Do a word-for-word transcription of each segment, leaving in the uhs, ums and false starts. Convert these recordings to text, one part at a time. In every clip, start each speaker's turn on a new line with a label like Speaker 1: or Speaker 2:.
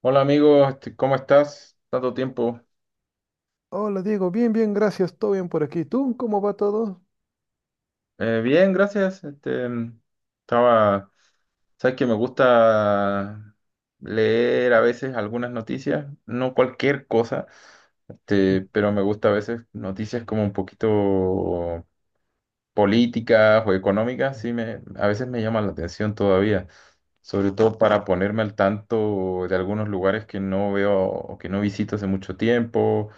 Speaker 1: Hola amigo, este, ¿cómo estás? Tanto tiempo.
Speaker 2: Hola Diego, bien, bien, gracias, todo bien por aquí. ¿Tú cómo va todo?
Speaker 1: Eh, bien, gracias. Este, mm, estaba, sabes que me gusta leer a veces algunas noticias, no cualquier cosa, este, pero me gusta a veces noticias como un poquito políticas o económicas. Sí me, a veces me llaman la atención todavía, sobre todo para ponerme al tanto de algunos lugares que no veo o que no visito hace mucho tiempo.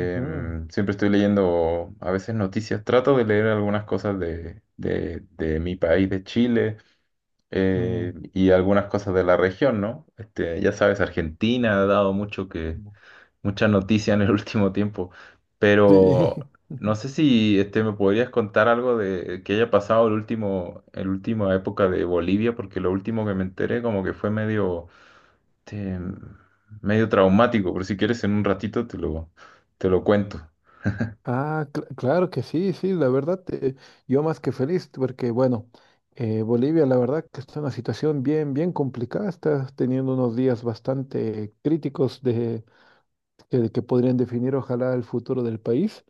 Speaker 2: Ujú,
Speaker 1: Siempre estoy leyendo a veces noticias, trato de leer algunas cosas de, de- de mi país, de Chile, eh,
Speaker 2: mm,
Speaker 1: y algunas cosas de la región, ¿no? Este, ya sabes, Argentina ha dado mucho que,
Speaker 2: mm.
Speaker 1: mucha noticia en el último tiempo,
Speaker 2: Sí,
Speaker 1: pero no sé si este, me podrías contar algo de que haya pasado el último, el última época de Bolivia, porque lo último que me enteré como que fue medio, este, medio traumático, pero si quieres en un ratito te lo, te lo cuento.
Speaker 2: ah, cl- claro que sí, sí, la verdad, eh, yo más que feliz porque, bueno, eh, Bolivia, la verdad que está en una situación bien, bien complicada, está teniendo unos días bastante críticos de, que, que podrían definir, ojalá, el futuro del país,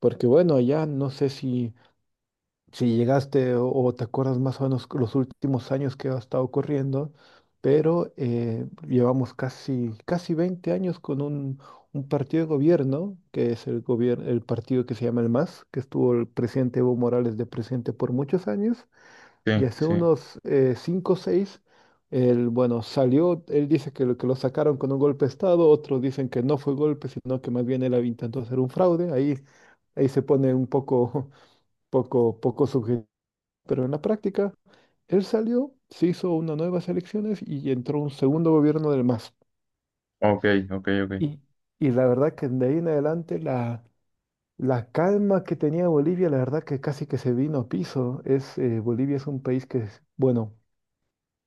Speaker 2: porque, bueno, allá no sé si... si llegaste, o, o te acuerdas más o menos los últimos años que ha estado ocurriendo, pero eh, llevamos casi, casi veinte años con un, un partido de gobierno, que es el gobierno, el partido que se llama el MAS, que estuvo el presidente Evo Morales de presidente por muchos años,
Speaker 1: Sí,
Speaker 2: y hace
Speaker 1: sí.
Speaker 2: unos eh, cinco o seis. Él, bueno, salió, él dice que lo, que lo sacaron con un golpe de Estado, otros dicen que no fue golpe, sino que más bien él había intentado hacer un fraude. ahí, ahí se pone un poco poco, poco subjetivo, pero en la práctica él salió, se hizo unas nuevas elecciones y entró un segundo gobierno del MAS.
Speaker 1: Ok, ok, ok.
Speaker 2: Y, y la verdad que de ahí en adelante la, la calma que tenía Bolivia, la verdad que casi que se vino a piso. Es, eh, Bolivia es un país que es, bueno,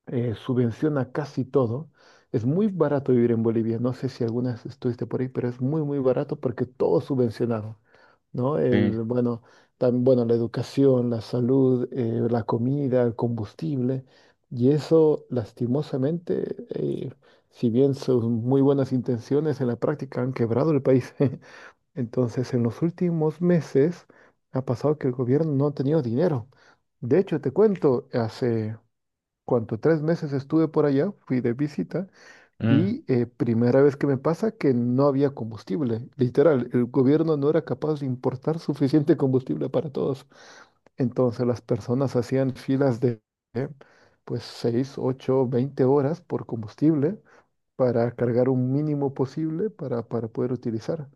Speaker 2: eh, subvenciona casi todo. Es muy barato vivir en Bolivia. No sé si alguna vez estuviste por ahí, pero es muy, muy barato porque todo es subvencionado, ¿no?
Speaker 1: Sí.
Speaker 2: El, bueno, tam- bueno, la educación, la salud, eh, la comida, el combustible. Y eso, lastimosamente, eh, si bien son muy buenas intenciones, en la práctica han quebrado el país. Entonces, en los últimos meses ha pasado que el gobierno no ha tenido dinero. De hecho, te cuento, hace cuando tres meses estuve por allá, fui de visita
Speaker 1: Mm.
Speaker 2: y eh, primera vez que me pasa que no había combustible. Literal, el gobierno no era capaz de importar suficiente combustible para todos. Entonces las personas hacían filas de eh, pues seis, ocho, veinte horas por combustible para cargar un mínimo posible para, para poder utilizar.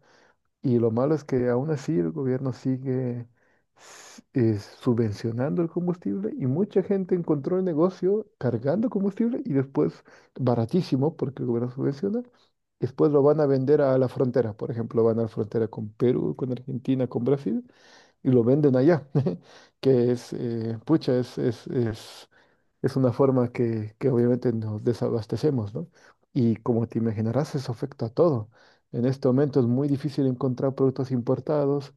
Speaker 2: Y lo malo es que aún así el gobierno sigue s- eh, subvencionando el combustible y mucha gente encontró el negocio cargando combustible y después baratísimo porque el gobierno subvenciona. Después lo van a vender a la frontera. Por ejemplo, van a la frontera con Perú, con Argentina, con Brasil y lo venden allá. Que es, eh, pucha, es, es, es es una forma que, que obviamente nos desabastecemos, ¿no? Y como te imaginarás, eso afecta a todo. En este momento es muy difícil encontrar productos importados,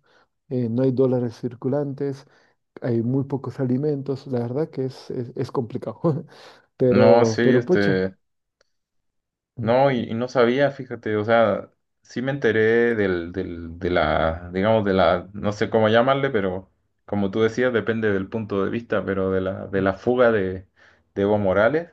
Speaker 2: eh, no hay dólares circulantes, hay muy pocos alimentos, la verdad que es, es, es complicado.
Speaker 1: No,
Speaker 2: Pero,
Speaker 1: sí,
Speaker 2: pero pucha.
Speaker 1: este.
Speaker 2: Mm,
Speaker 1: No, y, y no sabía, fíjate, o sea, sí me enteré del, del, de la, digamos, de la, no sé cómo llamarle, pero como tú decías, depende del punto de vista, pero de la, de
Speaker 2: mm.
Speaker 1: la fuga de, de Evo Morales,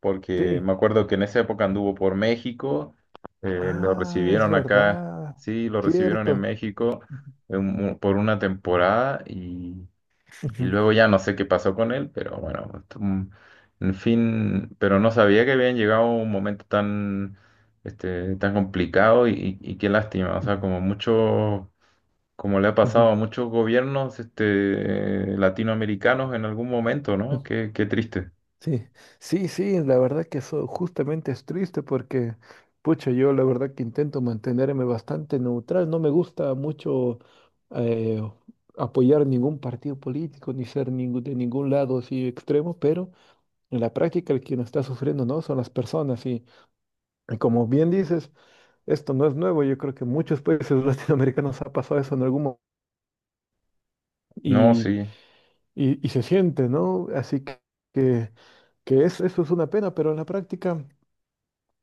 Speaker 1: porque
Speaker 2: Sí.
Speaker 1: me acuerdo que en esa época anduvo por México, eh, lo
Speaker 2: Ah, es
Speaker 1: recibieron acá.
Speaker 2: verdad.
Speaker 1: Sí, lo recibieron en
Speaker 2: Cierto.
Speaker 1: México en un- por una temporada y
Speaker 2: Ujú,
Speaker 1: luego ya no sé qué pasó con él, pero bueno, esto, mm, en fin. Pero no sabía que habían llegado a un momento tan, este, tan complicado y, y- y qué lástima, o sea, como mucho, como le ha pasado
Speaker 2: ujú,
Speaker 1: a muchos gobiernos, este, latinoamericanos en algún momento, ¿no?
Speaker 2: ujú.
Speaker 1: Qué, qué triste.
Speaker 2: Sí, sí, sí, la verdad que eso justamente es triste porque, pucha, yo la verdad que intento mantenerme bastante neutral, no me gusta mucho eh, apoyar ningún partido político ni ser ningún, de ningún lado así extremo, pero en la práctica el quien está sufriendo no son las personas y, y como bien dices, esto no es nuevo. Yo creo que en muchos países latinoamericanos ha pasado eso en algún momento
Speaker 1: No,
Speaker 2: y,
Speaker 1: sí,
Speaker 2: y, y se siente, ¿no? Así que, que que es, eso es una pena, pero en la práctica...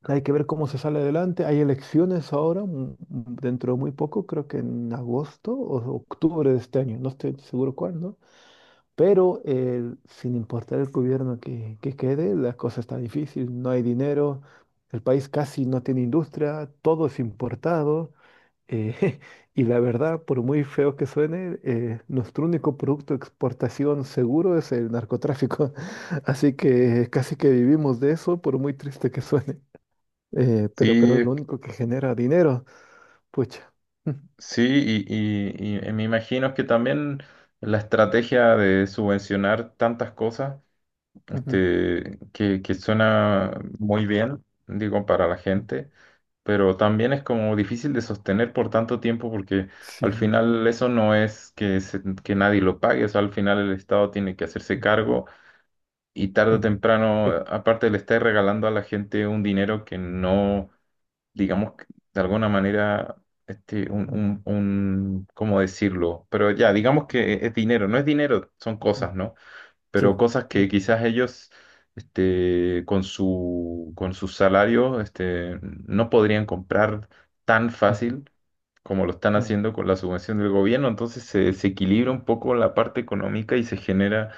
Speaker 2: Hay que ver cómo se sale adelante. Hay elecciones ahora, mm, mm, dentro de muy poco, creo que en agosto o octubre de este año, no estoy seguro cuándo. Pero eh, sin importar el gobierno que, que quede, la cosa está difícil, no hay dinero, el país casi no tiene industria, todo es importado. eh, y la verdad, por muy feo que suene, eh, nuestro único producto de exportación seguro es el narcotráfico. Así que casi que vivimos de eso, por muy triste que suene, eh, pero,
Speaker 1: sí,
Speaker 2: pero es
Speaker 1: es
Speaker 2: lo
Speaker 1: que...
Speaker 2: único que genera dinero. Pucha.
Speaker 1: Sí, y, y y me imagino que también la estrategia de subvencionar tantas cosas
Speaker 2: Mm, ujú,
Speaker 1: este, que, que suena muy bien, digo, para la gente, pero también es como difícil de sostener por tanto tiempo, porque al final eso no es que, se- que nadie lo pague, o sea, al final el Estado tiene que hacerse cargo. Y tarde
Speaker 2: mm.
Speaker 1: o
Speaker 2: Sí.
Speaker 1: temprano,
Speaker 2: Ujú, eh,
Speaker 1: eh, aparte le está regalando a la gente un dinero que no, digamos, que de alguna manera... Este, un,
Speaker 2: ujú,
Speaker 1: un, un, ¿cómo decirlo? Pero ya, digamos que es dinero, no es dinero, son
Speaker 2: ujú.
Speaker 1: cosas, ¿no?
Speaker 2: Sí.
Speaker 1: Pero cosas
Speaker 2: Ujú,
Speaker 1: que quizás ellos este, con su, con sus salarios este, no podrían comprar tan
Speaker 2: ujú,
Speaker 1: fácil como lo están haciendo con la subvención del gobierno. Entonces se, desequilibra un poco la parte económica y se genera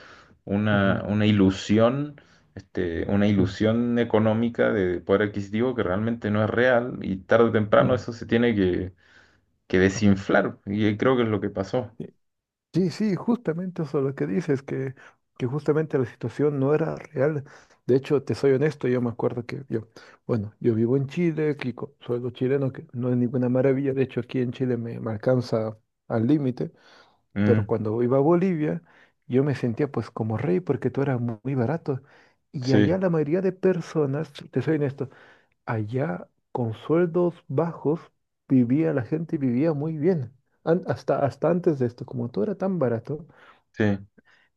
Speaker 2: ujú,
Speaker 1: una, una ilusión. Este, una ilusión económica de poder adquisitivo que realmente no es real, y tarde o
Speaker 2: ujú,
Speaker 1: temprano
Speaker 2: ujú, ujú,
Speaker 1: eso se tiene que, que
Speaker 2: ujú.
Speaker 1: desinflar, y creo que es lo que pasó.
Speaker 2: Sí, sí, sí, justamente eso lo que dices, que, que justamente la situación no era real. De hecho, te soy honesto, yo me acuerdo que yo, bueno, yo vivo en Chile, aquí con sueldo chileno, que no es ninguna maravilla. De hecho, aquí en Chile me, me alcanza al límite. Pero
Speaker 1: Mm,
Speaker 2: cuando iba a Bolivia, yo me sentía pues como rey porque todo era mu- muy barato. Y allá
Speaker 1: sí,
Speaker 2: la mayoría de personas, te soy honesto, allá con sueldos bajos vivía la gente, vivía muy bien. An- hasta, hasta antes de esto, como todo era tan barato,
Speaker 1: sí,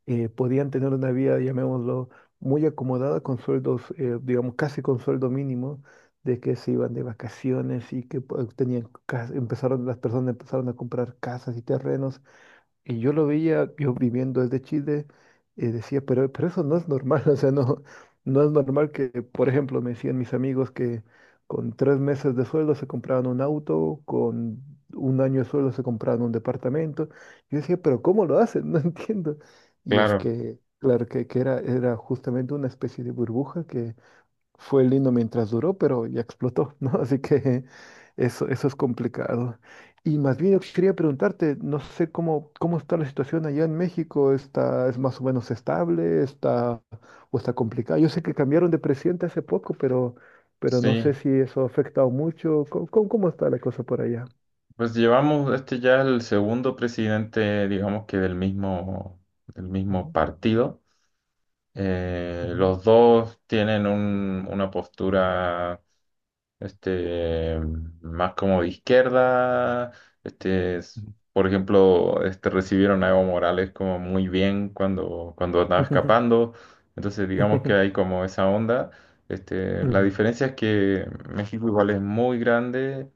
Speaker 2: eh, podían tener una vida, llamémoslo, muy acomodada con sueldos, eh, digamos, casi con sueldo mínimo, de que se iban de vacaciones y que pues, tenían, cas- empezaron, las personas empezaron a comprar casas y terrenos, y yo lo veía, yo viviendo desde Chile, eh, decía, pero, pero, eso no es normal. O sea, no, no es normal que, por ejemplo, me decían mis amigos que con tres meses de sueldo se compraban un auto, con un año de sueldo se compraban un departamento. Yo decía, pero ¿cómo lo hacen? No entiendo. Y es
Speaker 1: claro,
Speaker 2: que, claro, que, que era, era justamente una especie de burbuja, fue lindo mientras duró, pero ya explotó, ¿no? Así que eso, eso es complicado. Y más bien yo quería preguntarte, no sé cómo, cómo está la situación allá en México. ¿Está, es más o menos estable, está, o está complicada? Yo sé que cambiaron de presidente hace poco, pero, pero no sé
Speaker 1: sí.
Speaker 2: si eso ha afectado mucho. ¿Cómo, cómo- cómo está la cosa por allá?
Speaker 1: Pues llevamos este ya el segundo presidente, digamos que del mismo, del mismo
Speaker 2: Ujú,
Speaker 1: partido. Eh,
Speaker 2: ujú,
Speaker 1: los dos tienen un- una postura este, más como de izquierda. Este, es- por ejemplo, este, recibieron a Evo Morales como muy bien cuando, cuando andaba
Speaker 2: ujú.
Speaker 1: escapando. Entonces digamos que hay como esa onda. Este, la
Speaker 2: Mm,
Speaker 1: diferencia es que México igual es muy grande,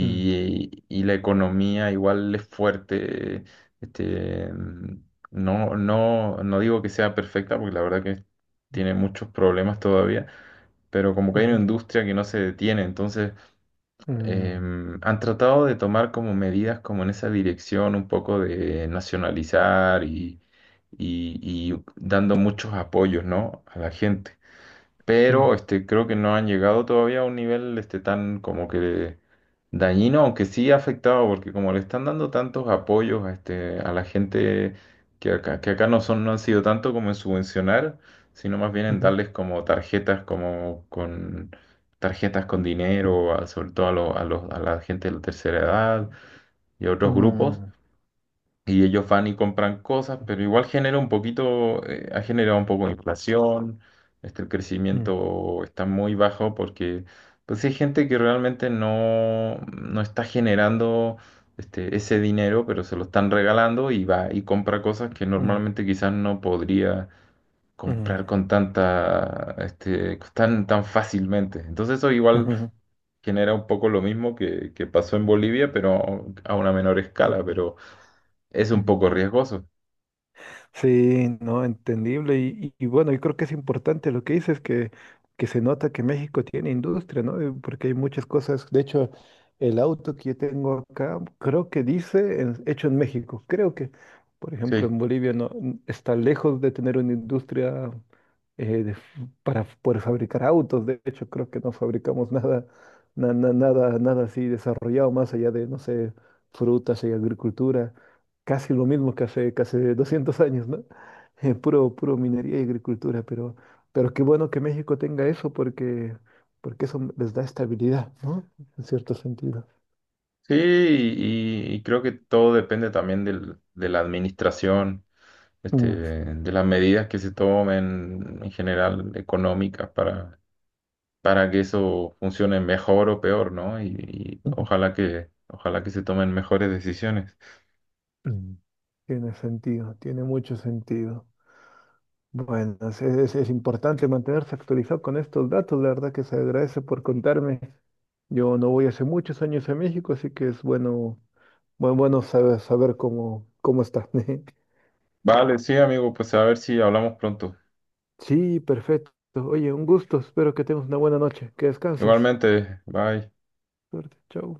Speaker 2: mm,
Speaker 1: y la economía igual es fuerte. Este, mm, no, no, no digo que sea perfecta, porque la verdad que tiene muchos problemas todavía, pero como que hay una
Speaker 2: ujú,
Speaker 1: industria que no se detiene. entonces
Speaker 2: mm,
Speaker 1: em, han tratado de tomar como medidas como en esa dirección, un poco de nacionalizar y, y, y dando muchos apoyos, ¿no?, a la gente.
Speaker 2: mm,
Speaker 1: Pero este, creo que no han llegado todavía a un nivel este, tan como que dañino, aunque sí ha afectado, porque como le están dando tantos apoyos a, este, a la gente, que acá, que acá no son, no han sido tanto como en subvencionar, sino más bien en
Speaker 2: ujú,
Speaker 1: darles como tarjetas, como con tarjetas con dinero, a- sobre todo a, lo- a los, a la gente de la tercera edad y a otros grupos,
Speaker 2: mm,
Speaker 1: y ellos van y compran cosas, pero igual genera un poquito, eh, ha generado un poco de inflación. Este, el
Speaker 2: mm,
Speaker 1: crecimiento está muy bajo porque pues sí, hay gente que realmente no, no está generando este, ese dinero, pero se lo están regalando y va y compra cosas que normalmente quizás no podría
Speaker 2: mm,
Speaker 1: comprar
Speaker 2: mm.
Speaker 1: con tanta, este, tan, tan fácilmente. Entonces eso igual
Speaker 2: Ujú,
Speaker 1: genera un poco lo mismo que, que pasó en Bolivia, pero a una menor
Speaker 2: ujú,
Speaker 1: escala. Pero es un
Speaker 2: ujú.
Speaker 1: poco riesgoso.
Speaker 2: Sí, no, entendible. Y, y- y bueno, yo creo que es importante lo que dices, que, que se nota que México tiene industria, ¿no? Eh, Porque hay muchas cosas. De hecho, el auto que yo tengo acá, creo que dice en- hecho en México. Creo que, por ejemplo,
Speaker 1: Sí,
Speaker 2: en Bolivia no n- está lejos de tener una industria, eh, de f- para f- poder fabricar autos. De hecho, creo que no fabricamos nada, na- na- nada, nada así desarrollado más allá de, no sé, frutas y agricultura. Casi lo mismo que hace, que hace doscientos años, ¿no? Eh, puro, puro minería y agricultura, pero, pero qué bueno que México tenga eso porque, porque eso les da estabilidad, ¿no? En cierto sentido.
Speaker 1: sí, y, y creo que todo depende también del- de la administración, este,
Speaker 2: Mm,
Speaker 1: de las medidas que se tomen en general económicas para, para que eso funcione mejor o peor, ¿no? Y, y
Speaker 2: ujú,
Speaker 1: ojalá que, ojalá que se tomen mejores decisiones.
Speaker 2: mm. Tiene sentido, tiene mucho sentido. Bueno, es, es- es importante mantenerse actualizado con estos datos, la verdad que se agradece por contarme. Yo no voy hace muchos años a México, así que es bueno, bueno, bueno saber, saber cómo, cómo está.
Speaker 1: Vale, sí, amigo, pues a ver si hablamos pronto.
Speaker 2: Sí, perfecto. Oye, un gusto. Espero que tengas una buena noche. Que descanses.
Speaker 1: Igualmente, bye.
Speaker 2: Suerte. Chau.